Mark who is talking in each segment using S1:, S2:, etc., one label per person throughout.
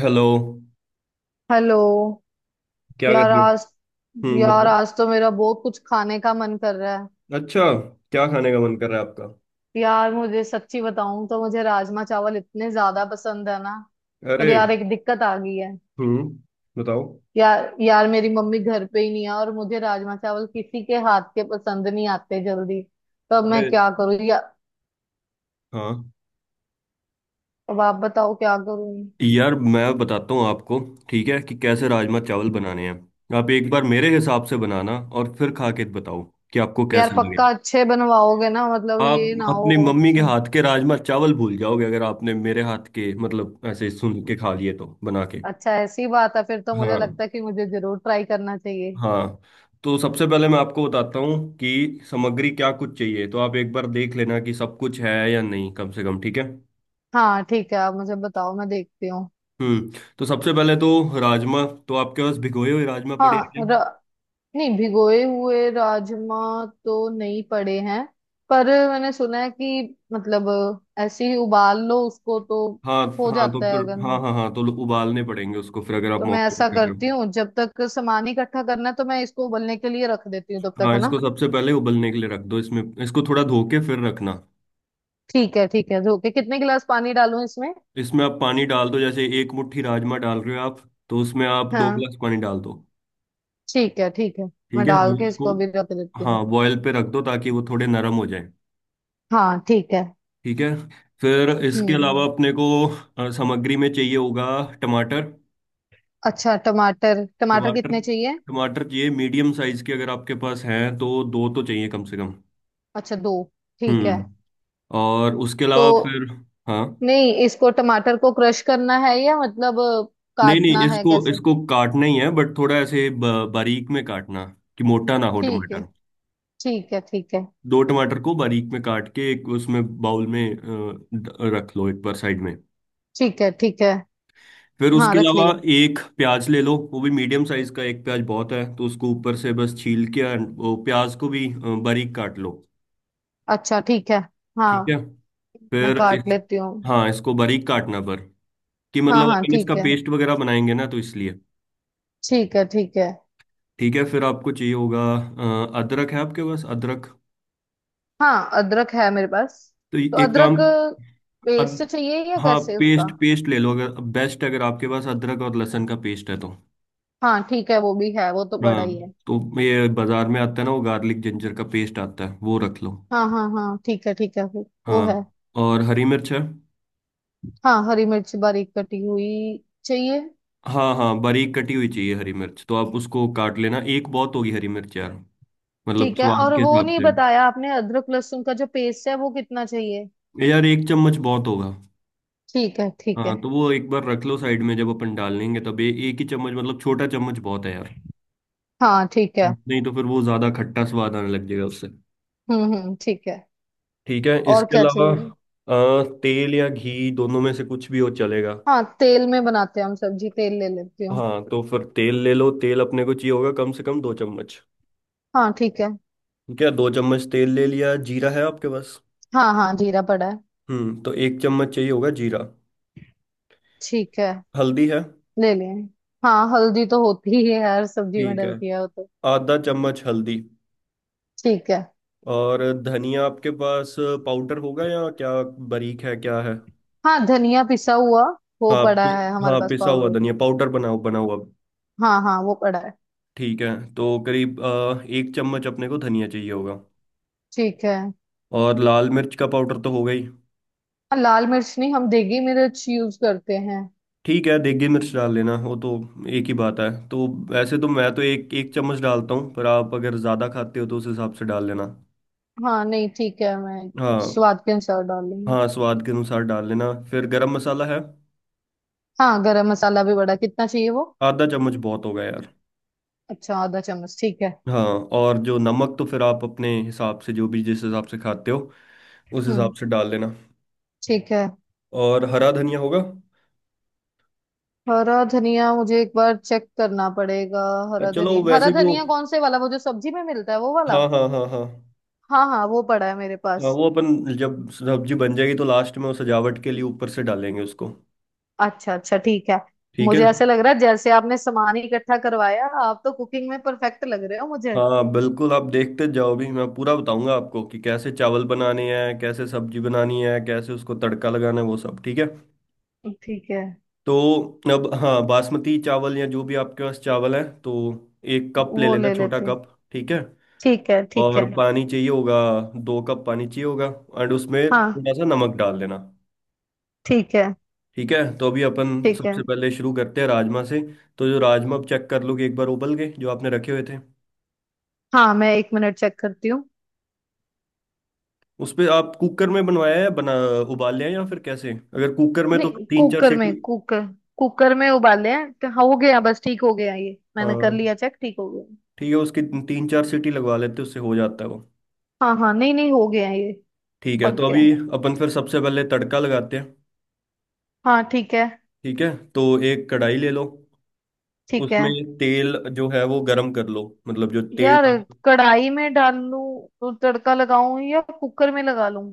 S1: Hello.
S2: Hello.
S1: क्या कर
S2: यार
S1: रहे हो?
S2: आज यार
S1: बताओ।
S2: आज तो मेरा बहुत कुछ खाने का मन कर रहा है।
S1: अच्छा, क्या खाने का मन कर रहा है आपका?
S2: यार, मुझे सच्ची बताऊं तो मुझे राजमा चावल इतने ज्यादा पसंद है ना।
S1: अरे।
S2: पर यार एक दिक्कत आ गई है।
S1: हम्म बताओ।
S2: यार यार मेरी मम्मी घर पे ही नहीं है और मुझे राजमा चावल किसी के हाथ के पसंद नहीं आते जल्दी। तो अब मैं
S1: अरे।
S2: क्या करूँ या,
S1: हाँ,
S2: अब आप बताओ क्या करूँ।
S1: यार मैं बताता हूँ आपको, ठीक है, कि कैसे राजमा चावल बनाने हैं। आप एक बार मेरे हिसाब से बनाना और फिर खा के बताओ कि आपको
S2: यार
S1: कैसे लगे।
S2: पक्का अच्छे बनवाओगे ना, मतलब
S1: आप
S2: ये ना हो
S1: अपनी मम्मी के
S2: अच्छे।
S1: हाथ के राजमा चावल भूल जाओगे अगर आपने मेरे हाथ के, मतलब ऐसे सुन के खा लिए तो, बना के।
S2: अच्छा, ऐसी बात है, फिर तो मुझे
S1: हाँ।
S2: लगता है कि मुझे जरूर ट्राई करना चाहिए।
S1: हाँ, तो सबसे पहले मैं आपको बताता हूँ कि सामग्री क्या कुछ चाहिए, तो आप एक बार देख लेना कि सब कुछ है या नहीं कम से कम, ठीक है?
S2: हाँ ठीक है, आप मुझे बताओ मैं देखती हूँ।
S1: हम्म तो सबसे पहले तो राजमा, तो आपके पास भिगोए हुए राजमा पड़े हैं
S2: हाँ,
S1: क्या?
S2: नहीं, भिगोए हुए राजमा तो नहीं पड़े हैं। पर मैंने सुना है कि मतलब ऐसे ही उबाल लो उसको तो
S1: हाँ।
S2: हो
S1: हाँ तो
S2: जाता है,
S1: फिर,
S2: अगर
S1: हाँ
S2: ना।
S1: हाँ हाँ, तो उबालने पड़ेंगे उसको फिर, अगर आप
S2: तो मैं
S1: मौके पे
S2: ऐसा
S1: कर रहे हो।
S2: करती हूँ, जब तक सामान इकट्ठा करना है तो मैं इसको उबलने के लिए रख देती हूँ तब तक,
S1: हाँ,
S2: है
S1: इसको
S2: ना।
S1: सबसे पहले उबलने के लिए रख दो। इसमें इसको थोड़ा धो के फिर रखना।
S2: ठीक है ठीक है, धो के कितने गिलास पानी डालूं इसमें।
S1: इसमें आप पानी डाल दो। जैसे 1 मुट्ठी राजमा डाल रहे हो आप, तो उसमें आप दो
S2: हाँ
S1: गिलास पानी डाल दो।
S2: ठीक है ठीक है,
S1: ठीक
S2: मैं
S1: है। और
S2: डाल के
S1: उसको,
S2: इसको अभी रख देती हूँ।
S1: हाँ, बॉयल पे रख दो ताकि वो थोड़े नरम हो जाए।
S2: हाँ ठीक है।
S1: ठीक है। फिर इसके अलावा
S2: हम्म,
S1: अपने को सामग्री में चाहिए होगा टमाटर।
S2: अच्छा टमाटर, टमाटर
S1: टमाटर,
S2: कितने चाहिए।
S1: टमाटर चाहिए मीडियम साइज के। अगर आपके पास हैं तो दो तो चाहिए कम से कम।
S2: अच्छा दो, ठीक है।
S1: हम्म और उसके
S2: तो
S1: अलावा फिर, हाँ,
S2: नहीं, इसको टमाटर को क्रश करना है या मतलब
S1: नहीं नहीं,
S2: काटना है
S1: इसको
S2: कैसे।
S1: इसको काटना ही है। बट थोड़ा ऐसे बारीक में काटना, कि मोटा ना हो
S2: ठीक है
S1: टमाटर।
S2: ठीक है। ठीक है
S1: दो टमाटर को बारीक में काट के एक उसमें बाउल में रख लो एक बार साइड में।
S2: ठीक है। ठीक है,
S1: फिर
S2: हाँ
S1: उसके
S2: रख
S1: अलावा
S2: लिया।
S1: एक प्याज ले लो। वो भी मीडियम साइज का, एक प्याज बहुत है। तो उसको ऊपर से बस छील के and वो प्याज को भी बारीक काट लो।
S2: अच्छा ठीक है,
S1: ठीक है,
S2: हाँ मैं
S1: फिर
S2: काट
S1: इस,
S2: लेती हूँ।
S1: हाँ, इसको बारीक काटना, पर कि
S2: हाँ
S1: मतलब
S2: हाँ
S1: अपन इसका
S2: ठीक है,
S1: पेस्ट वगैरह बनाएंगे ना, तो इसलिए।
S2: ठीक है ठीक है।
S1: ठीक है, फिर आपको चाहिए होगा अदरक। है आपके पास अदरक?
S2: हाँ अदरक है मेरे पास।
S1: तो
S2: तो
S1: ये- एक काम।
S2: अदरक
S1: अद,
S2: पेस्ट चाहिए या
S1: हाँ,
S2: कैसे उसका।
S1: पेस्ट, पेस्ट ले लो। अगर, बेस्ट, अगर आपके पास अदरक और लहसुन का पेस्ट है तो।
S2: हाँ ठीक है, वो भी है, वो तो बड़ा ही
S1: हाँ,
S2: है।
S1: तो ये बाजार में आता है ना, वो गार्लिक जिंजर का पेस्ट आता है, वो रख लो।
S2: हाँ हाँ हाँ ठीक है ठीक है, वो
S1: हाँ,
S2: है।
S1: और हरी मिर्च है?
S2: हाँ हरी मिर्च बारीक कटी हुई चाहिए।
S1: हाँ हाँ, बारीक कटी हुई चाहिए हरी मिर्च। तो आप उसको काट लेना। एक बहुत होगी हरी मिर्च यार, मतलब
S2: ठीक है,
S1: स्वाद
S2: और
S1: के
S2: वो
S1: हिसाब
S2: नहीं
S1: से।
S2: बताया आपने, अदरक लहसुन का जो पेस्ट है वो कितना चाहिए।
S1: यार 1 चम्मच बहुत होगा।
S2: ठीक है ठीक है।
S1: हाँ, तो वो एक बार रख लो साइड में। जब अपन डाल लेंगे तब, एक ही चम्मच, मतलब छोटा चम्मच बहुत है यार।
S2: हाँ ठीक है।
S1: नहीं तो फिर वो ज्यादा खट्टा स्वाद आने लग जाएगा उससे।
S2: हम्म, ठीक है,
S1: ठीक है,
S2: और
S1: इसके
S2: क्या
S1: अलावा
S2: चाहिए।
S1: तेल या घी, दोनों में से कुछ भी हो चलेगा।
S2: हाँ तेल में बनाते हैं हम सब्जी, तेल ले लेती हूँ।
S1: हाँ, तो फिर तेल ले लो। तेल अपने को चाहिए होगा कम से कम 2 चम्मच।
S2: हाँ ठीक है।
S1: ठीक है, 2 चम्मच तेल ले लिया। जीरा है आपके पास?
S2: हाँ हाँ जीरा पड़ा है।
S1: तो 1 चम्मच चाहिए होगा जीरा।
S2: ठीक है,
S1: हल्दी है?
S2: ले लें। हाँ हल्दी तो होती ही है, हर सब्जी में
S1: ठीक है,
S2: डलती है वो तो।
S1: आधा चम्मच हल्दी।
S2: ठीक है।
S1: और धनिया आपके पास पाउडर होगा या क्या? बारीक है, क्या है?
S2: हाँ धनिया पिसा हुआ वो
S1: हाँ
S2: पड़ा है हमारे
S1: हाँ,
S2: पास,
S1: पिसा हुआ
S2: पाउडर।
S1: धनिया पाउडर, बनाओ, बना हुआ।
S2: हाँ हाँ वो पड़ा है।
S1: ठीक है, तो करीब 1 चम्मच अपने को धनिया चाहिए होगा।
S2: ठीक है, हाँ।
S1: और लाल मिर्च का पाउडर तो होगा ही।
S2: लाल मिर्च नहीं, हम देगी मिर्च यूज करते हैं।
S1: ठीक है, देगी मिर्च डाल लेना वो तो, एक ही बात है। तो वैसे तो मैं तो एक एक चम्मच डालता हूँ, पर आप अगर ज़्यादा खाते हो तो उस हिसाब से डाल लेना।
S2: हाँ नहीं ठीक है, मैं
S1: हाँ,
S2: स्वाद के अनुसार डाल लूंगी।
S1: हाँ, स्वाद के अनुसार डाल लेना। फिर गरम मसाला है?
S2: हाँ गरम मसाला भी बड़ा, कितना चाहिए वो।
S1: आधा चम्मच बहुत होगा यार।
S2: अच्छा आधा चम्मच, ठीक है।
S1: हाँ, और जो नमक, तो फिर आप अपने हिसाब से, जो भी जिस हिसाब से खाते हो उस
S2: हम्म,
S1: हिसाब से डाल लेना।
S2: ठीक है।
S1: और हरा धनिया होगा?
S2: हरा धनिया मुझे एक बार चेक करना पड़ेगा।
S1: और
S2: हरा
S1: चलो
S2: धनिया, हरा
S1: वैसे भी वो,
S2: धनिया कौन से वाला, वो जो सब्जी में मिलता है वो वाला।
S1: हाँ हाँ हाँ हाँ।
S2: हाँ हाँ वो पड़ा है मेरे
S1: हाँ
S2: पास।
S1: वो अपन जब सब्जी बन जाएगी तो लास्ट में वो सजावट के लिए ऊपर से डालेंगे उसको।
S2: अच्छा अच्छा ठीक है।
S1: ठीक है।
S2: मुझे ऐसे लग रहा है जैसे आपने सामान ही इकट्ठा करवाया, आप तो कुकिंग में परफेक्ट लग रहे हो मुझे।
S1: हाँ बिल्कुल, आप देखते जाओ भी, मैं पूरा बताऊंगा आपको कि कैसे चावल बनाने हैं, कैसे सब्जी बनानी है, कैसे उसको तड़का लगाना है, वो सब, ठीक है।
S2: ठीक है।
S1: तो अब, हाँ, बासमती चावल या जो भी आपके पास चावल है, तो 1 कप ले
S2: वो
S1: लेना,
S2: ले
S1: छोटा
S2: लेते हैं।
S1: कप। ठीक है,
S2: ठीक है ठीक
S1: और
S2: है।
S1: ठीक है पानी चाहिए होगा। 2 कप पानी चाहिए होगा। एंड उसमें
S2: हाँ,
S1: थोड़ा सा नमक डाल देना।
S2: ठीक है
S1: ठीक है, तो अभी अपन
S2: ठीक है।
S1: सबसे पहले शुरू करते हैं राजमा से। तो जो राजमा, आप चेक कर लो कि एक बार उबल गए जो आपने रखे हुए थे।
S2: हाँ मैं एक मिनट चेक करती हूँ।
S1: उस पे आप कुकर में बनवाया है, बना, उबाल लिया है या फिर कैसे? अगर कुकर में, तो
S2: नहीं,
S1: तीन चार
S2: कुकर में।
S1: सीटी
S2: कुकर कुकर में उबाले हैं तो, हाँ हो गया बस, ठीक हो गया ये, मैंने कर
S1: हाँ
S2: लिया चेक, ठीक हो गया।
S1: ठीक है, उसकी 3-4 सीटी लगवा लेते हैं, उससे हो जाता है वो।
S2: हाँ हाँ नहीं नहीं, हो गया ये।
S1: ठीक है,
S2: पक
S1: तो
S2: गया।
S1: अभी अपन फिर सबसे पहले तड़का लगाते हैं।
S2: हाँ ठीक है।
S1: ठीक है, तो एक कढ़ाई ले लो।
S2: ठीक है।
S1: उसमें तेल जो है वो गरम कर लो, मतलब जो तेल
S2: यार
S1: डाल,
S2: कढ़ाई में डाल लूं तो तड़का लगाऊं या कुकर में लगा लूं।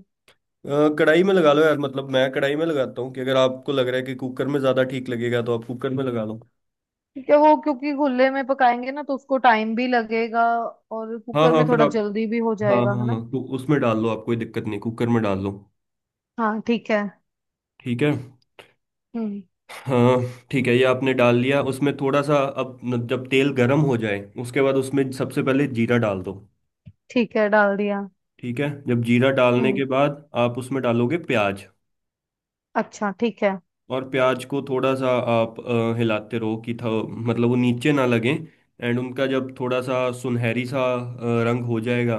S1: कढ़ाई में लगा लो यार। मतलब मैं कढ़ाई में लगाता हूँ, कि अगर आपको लग रहा है कि कुकर में ज़्यादा ठीक लगेगा तो आप कुकर में लगा लो।
S2: क्या वो क्योंकि खुले में पकाएंगे ना तो उसको टाइम भी लगेगा, और
S1: हाँ
S2: कुकर
S1: हाँ,
S2: में
S1: फिर
S2: थोड़ा
S1: आप,
S2: जल्दी भी हो
S1: हाँ
S2: जाएगा, है
S1: हाँ
S2: ना।
S1: हाँ, तो उसमें डाल लो आप, कोई दिक्कत नहीं, कुकर में डाल लो।
S2: हाँ ठीक है।
S1: ठीक है।
S2: हम्म।
S1: हाँ ठीक है, ये आपने डाल लिया उसमें थोड़ा सा। अब जब तेल गर्म हो जाए उसके बाद उसमें सबसे पहले जीरा डाल दो।
S2: ठीक है, डाल दिया।
S1: ठीक है, जब जीरा डालने
S2: हम्म,
S1: के बाद आप उसमें डालोगे प्याज।
S2: अच्छा ठीक है।
S1: और प्याज को थोड़ा सा आप हिलाते रहो कि था, मतलब वो नीचे ना लगे। एंड उनका जब थोड़ा सा सुनहरी सा रंग हो जाएगा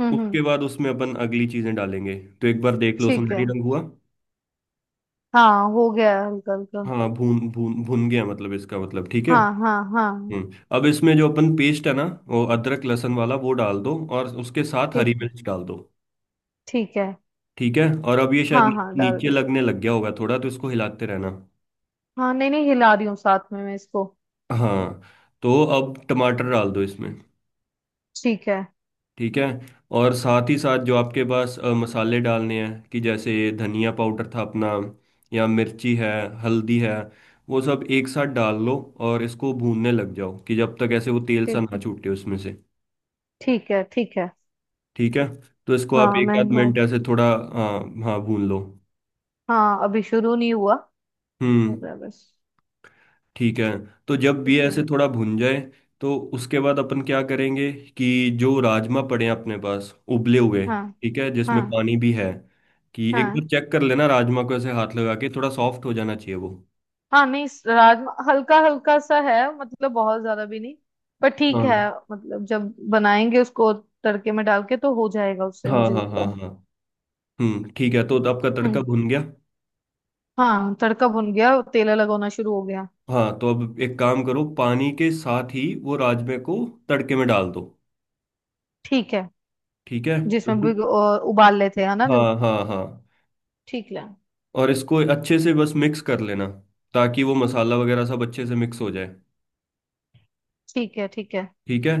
S2: हम्म।
S1: उसके बाद उसमें अपन अगली चीजें डालेंगे। तो एक बार देख लो,
S2: ठीक है,
S1: सुनहरी रंग हुआ।
S2: हाँ हो गया हल्का हल्का।
S1: हाँ, भून भून भून गया मतलब, इसका मतलब ठीक है।
S2: हाँ हाँ हाँ।
S1: अब इसमें जो अपन पेस्ट है ना, वो अदरक लहसुन वाला, वो डाल दो और उसके साथ हरी
S2: ठीक है
S1: मिर्च डाल दो।
S2: ठीक है,
S1: ठीक है। और अब ये शायद
S2: हाँ हाँ डाल
S1: नीचे
S2: दी।
S1: लगने लग गया होगा थोड़ा, तो इसको हिलाते रहना।
S2: हाँ नहीं नहीं, हिला रही हूँ साथ में मैं इसको।
S1: हाँ, तो अब टमाटर डाल दो इसमें।
S2: ठीक है
S1: ठीक है, और साथ ही साथ जो आपके पास मसाले डालने हैं, कि जैसे धनिया पाउडर था अपना, या मिर्ची है, हल्दी है, वो सब एक साथ डाल लो। और इसको भूनने लग जाओ कि जब तक ऐसे वो तेल सा
S2: ठीक
S1: ना
S2: है।
S1: छूटे उसमें से।
S2: ठीक है ठीक है।
S1: ठीक है, तो इसको आप
S2: हाँ
S1: एक
S2: मैं
S1: आध
S2: हिला-
S1: मिनट ऐसे थोड़ा, हाँ, हाँ भून लो।
S2: हाँ अभी शुरू नहीं हुआ, हो
S1: हम्म
S2: गया बस।
S1: ठीक है, तो जब ये
S2: ठीक है।
S1: ऐसे थोड़ा भुन जाए तो उसके बाद अपन क्या करेंगे, कि जो राजमा पड़े हैं अपने पास उबले हुए,
S2: हाँ
S1: ठीक है, जिसमें
S2: हाँ
S1: पानी भी है, कि एक
S2: हाँ,
S1: बार चेक कर लेना राजमा को। ऐसे हाथ लगा के थोड़ा सॉफ्ट हो जाना चाहिए वो।
S2: हाँ नहीं इस राजमा हल्का हल्का सा है, मतलब बहुत ज्यादा भी नहीं, पर ठीक है।
S1: हाँ
S2: मतलब जब बनाएंगे उसको, तड़के में डाल के तो हो जाएगा उससे
S1: हाँ
S2: मुझे
S1: हाँ
S2: लगता
S1: हाँ
S2: है।
S1: हाँ। ठीक है, तो आपका तड़का
S2: हम्म।
S1: भुन गया।
S2: हाँ तड़का भुन गया, तेल लगाना शुरू हो गया।
S1: हाँ तो अब एक काम करो, पानी के साथ ही वो राजमे को तड़के में डाल दो।
S2: ठीक है।
S1: ठीक है
S2: जिसमें
S1: तो-
S2: भी उबाल लेते हैं, है ना जो।
S1: हाँ हाँ हाँ।
S2: ठीक है
S1: और इसको अच्छे से बस मिक्स कर लेना, ताकि वो मसाला वगैरह सब अच्छे से मिक्स हो जाए।
S2: ठीक है। ठीक है,
S1: ठीक है।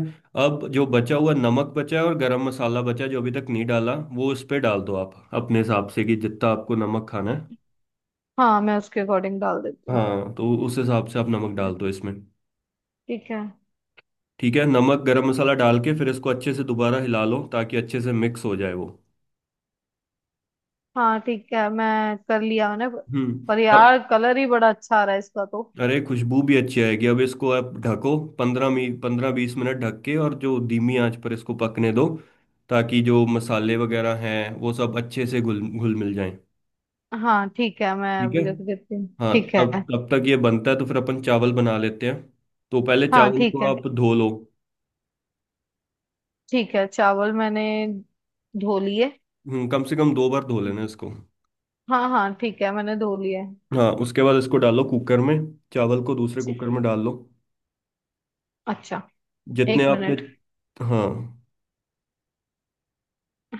S1: अब जो बचा हुआ नमक बचा है और गरम मसाला बचा है जो अभी तक नहीं डाला, वो उस पे डाल दो आप, अपने हिसाब से, कि जितना आपको नमक खाना है।
S2: हाँ मैं उसके अकॉर्डिंग डाल देती हूँ।
S1: हाँ, तो उस हिसाब से आप
S2: ठीक
S1: नमक
S2: है
S1: डाल दो इसमें।
S2: ठीक है।
S1: ठीक है, नमक गरम मसाला डाल के फिर इसको अच्छे से दोबारा हिला लो ताकि अच्छे से मिक्स हो जाए वो।
S2: हाँ ठीक है, मैं कर लिया मैंने।
S1: हम्म
S2: पर
S1: अब,
S2: यार कलर ही बड़ा अच्छा आ रहा है इसका तो।
S1: अरे खुशबू भी अच्छी आएगी। अब इसको आप ढको पंद्रह मी 15-20 मिनट ढक के, और जो धीमी आंच पर इसको पकने दो, ताकि जो मसाले वगैरह हैं वो सब अच्छे से घुल घुल मिल जाएं।
S2: हाँ ठीक है, मैं
S1: ठीक है।
S2: अभी रख देती हूँ,
S1: हाँ,
S2: ठीक है।
S1: तब तब तक ये बनता है तो फिर अपन चावल बना लेते हैं। तो पहले
S2: हाँ
S1: चावल
S2: ठीक
S1: को
S2: है।
S1: आप धो लो।
S2: ठीक है चावल मैंने धो लिए।
S1: कम से कम 2 बार धो लेना इसको।
S2: हाँ हाँ ठीक है मैंने धो लिए।
S1: हाँ, उसके बाद इसको डालो कुकर में। चावल को दूसरे कुकर में डाल लो।
S2: अच्छा,
S1: जितने
S2: एक
S1: आपने,
S2: मिनट।
S1: हाँ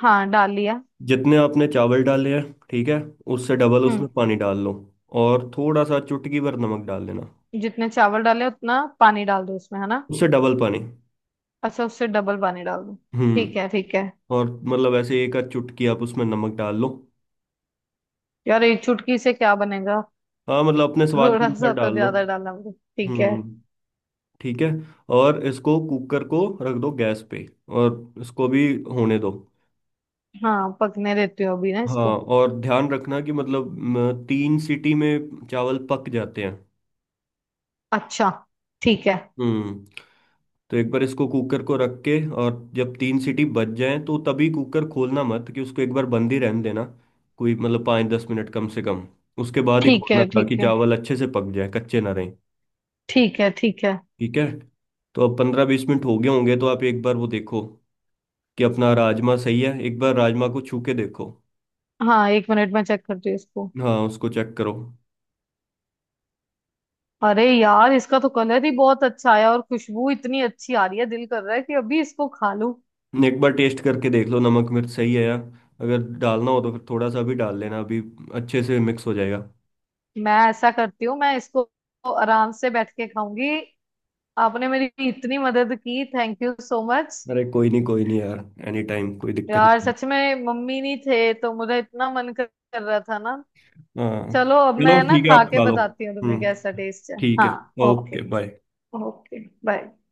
S2: हाँ डाल लिया।
S1: जितने आपने चावल डाले हैं, ठीक है, उससे डबल
S2: हम्म,
S1: उसमें पानी डाल लो। और थोड़ा सा चुटकी भर नमक डाल देना।
S2: जितने चावल डाले उतना पानी डाल दो उसमें, है ना।
S1: उससे डबल पानी।
S2: अच्छा, उससे डबल पानी डाल दो।
S1: हम्म
S2: ठीक है ठीक है।
S1: और मतलब ऐसे एक आध चुटकी आप उसमें नमक डाल लो।
S2: यार एक चुटकी से क्या बनेगा,
S1: हाँ, मतलब अपने स्वाद के
S2: थोड़ा
S1: अनुसार
S2: सा तो
S1: डाल लो।
S2: ज्यादा डालना पड़ेगा। ठीक है।
S1: हम्म ठीक है। और इसको कुकर को रख दो गैस पे, और इसको भी होने दो।
S2: हाँ पकने देती हूँ अभी ना
S1: हाँ,
S2: इसको।
S1: और ध्यान रखना कि मतलब, 3 सीटी में चावल पक जाते हैं।
S2: अच्छा ठीक है।
S1: हम्म तो एक बार इसको कुकर को रख के, और जब 3 सीटी बज जाएं तो तभी कुकर खोलना मत, कि उसको एक बार बंद ही रहने देना, कोई मतलब 5-10 मिनट कम से कम। उसके बाद ही
S2: ठीक
S1: खोलना
S2: है
S1: था, कि
S2: ठीक है।
S1: चावल अच्छे से पक जाए, कच्चे ना रहें।
S2: ठीक है ठीक है।
S1: ठीक है, तो अब 15-20 मिनट हो गए होंगे तो आप एक बार वो देखो कि अपना राजमा सही है। एक बार राजमा को छू के देखो।
S2: हाँ एक मिनट में चेक करती हूँ इसको।
S1: हाँ, उसको चेक करो।
S2: अरे यार, इसका तो कलर ही बहुत अच्छा आया, और खुशबू इतनी अच्छी आ रही है, दिल कर रहा है कि अभी इसको खा लूं।
S1: एक बार टेस्ट करके देख लो नमक मिर्च सही है, या अगर डालना हो तो फिर थोड़ा सा भी डाल लेना अभी। अच्छे से मिक्स हो जाएगा।
S2: मैं ऐसा करती हूँ, मैं इसको आराम से बैठ के खाऊंगी। आपने मेरी इतनी मदद की, थैंक यू सो मच।
S1: अरे कोई नहीं, कोई नहीं यार, एनी टाइम, कोई दिक्कत
S2: यार
S1: नहीं।
S2: सच में, मम्मी नहीं थे तो मुझे इतना मन कर कर रहा था ना।
S1: हाँ,
S2: चलो अब
S1: चलो
S2: मैं ना
S1: ठीक है,
S2: खा
S1: आप
S2: के
S1: खा लो।
S2: बताती हूँ तुम्हें कैसा
S1: हम्म
S2: टेस्ट है।
S1: ठीक
S2: हाँ
S1: है। Okay
S2: okay.
S1: Bye.
S2: Okay bye.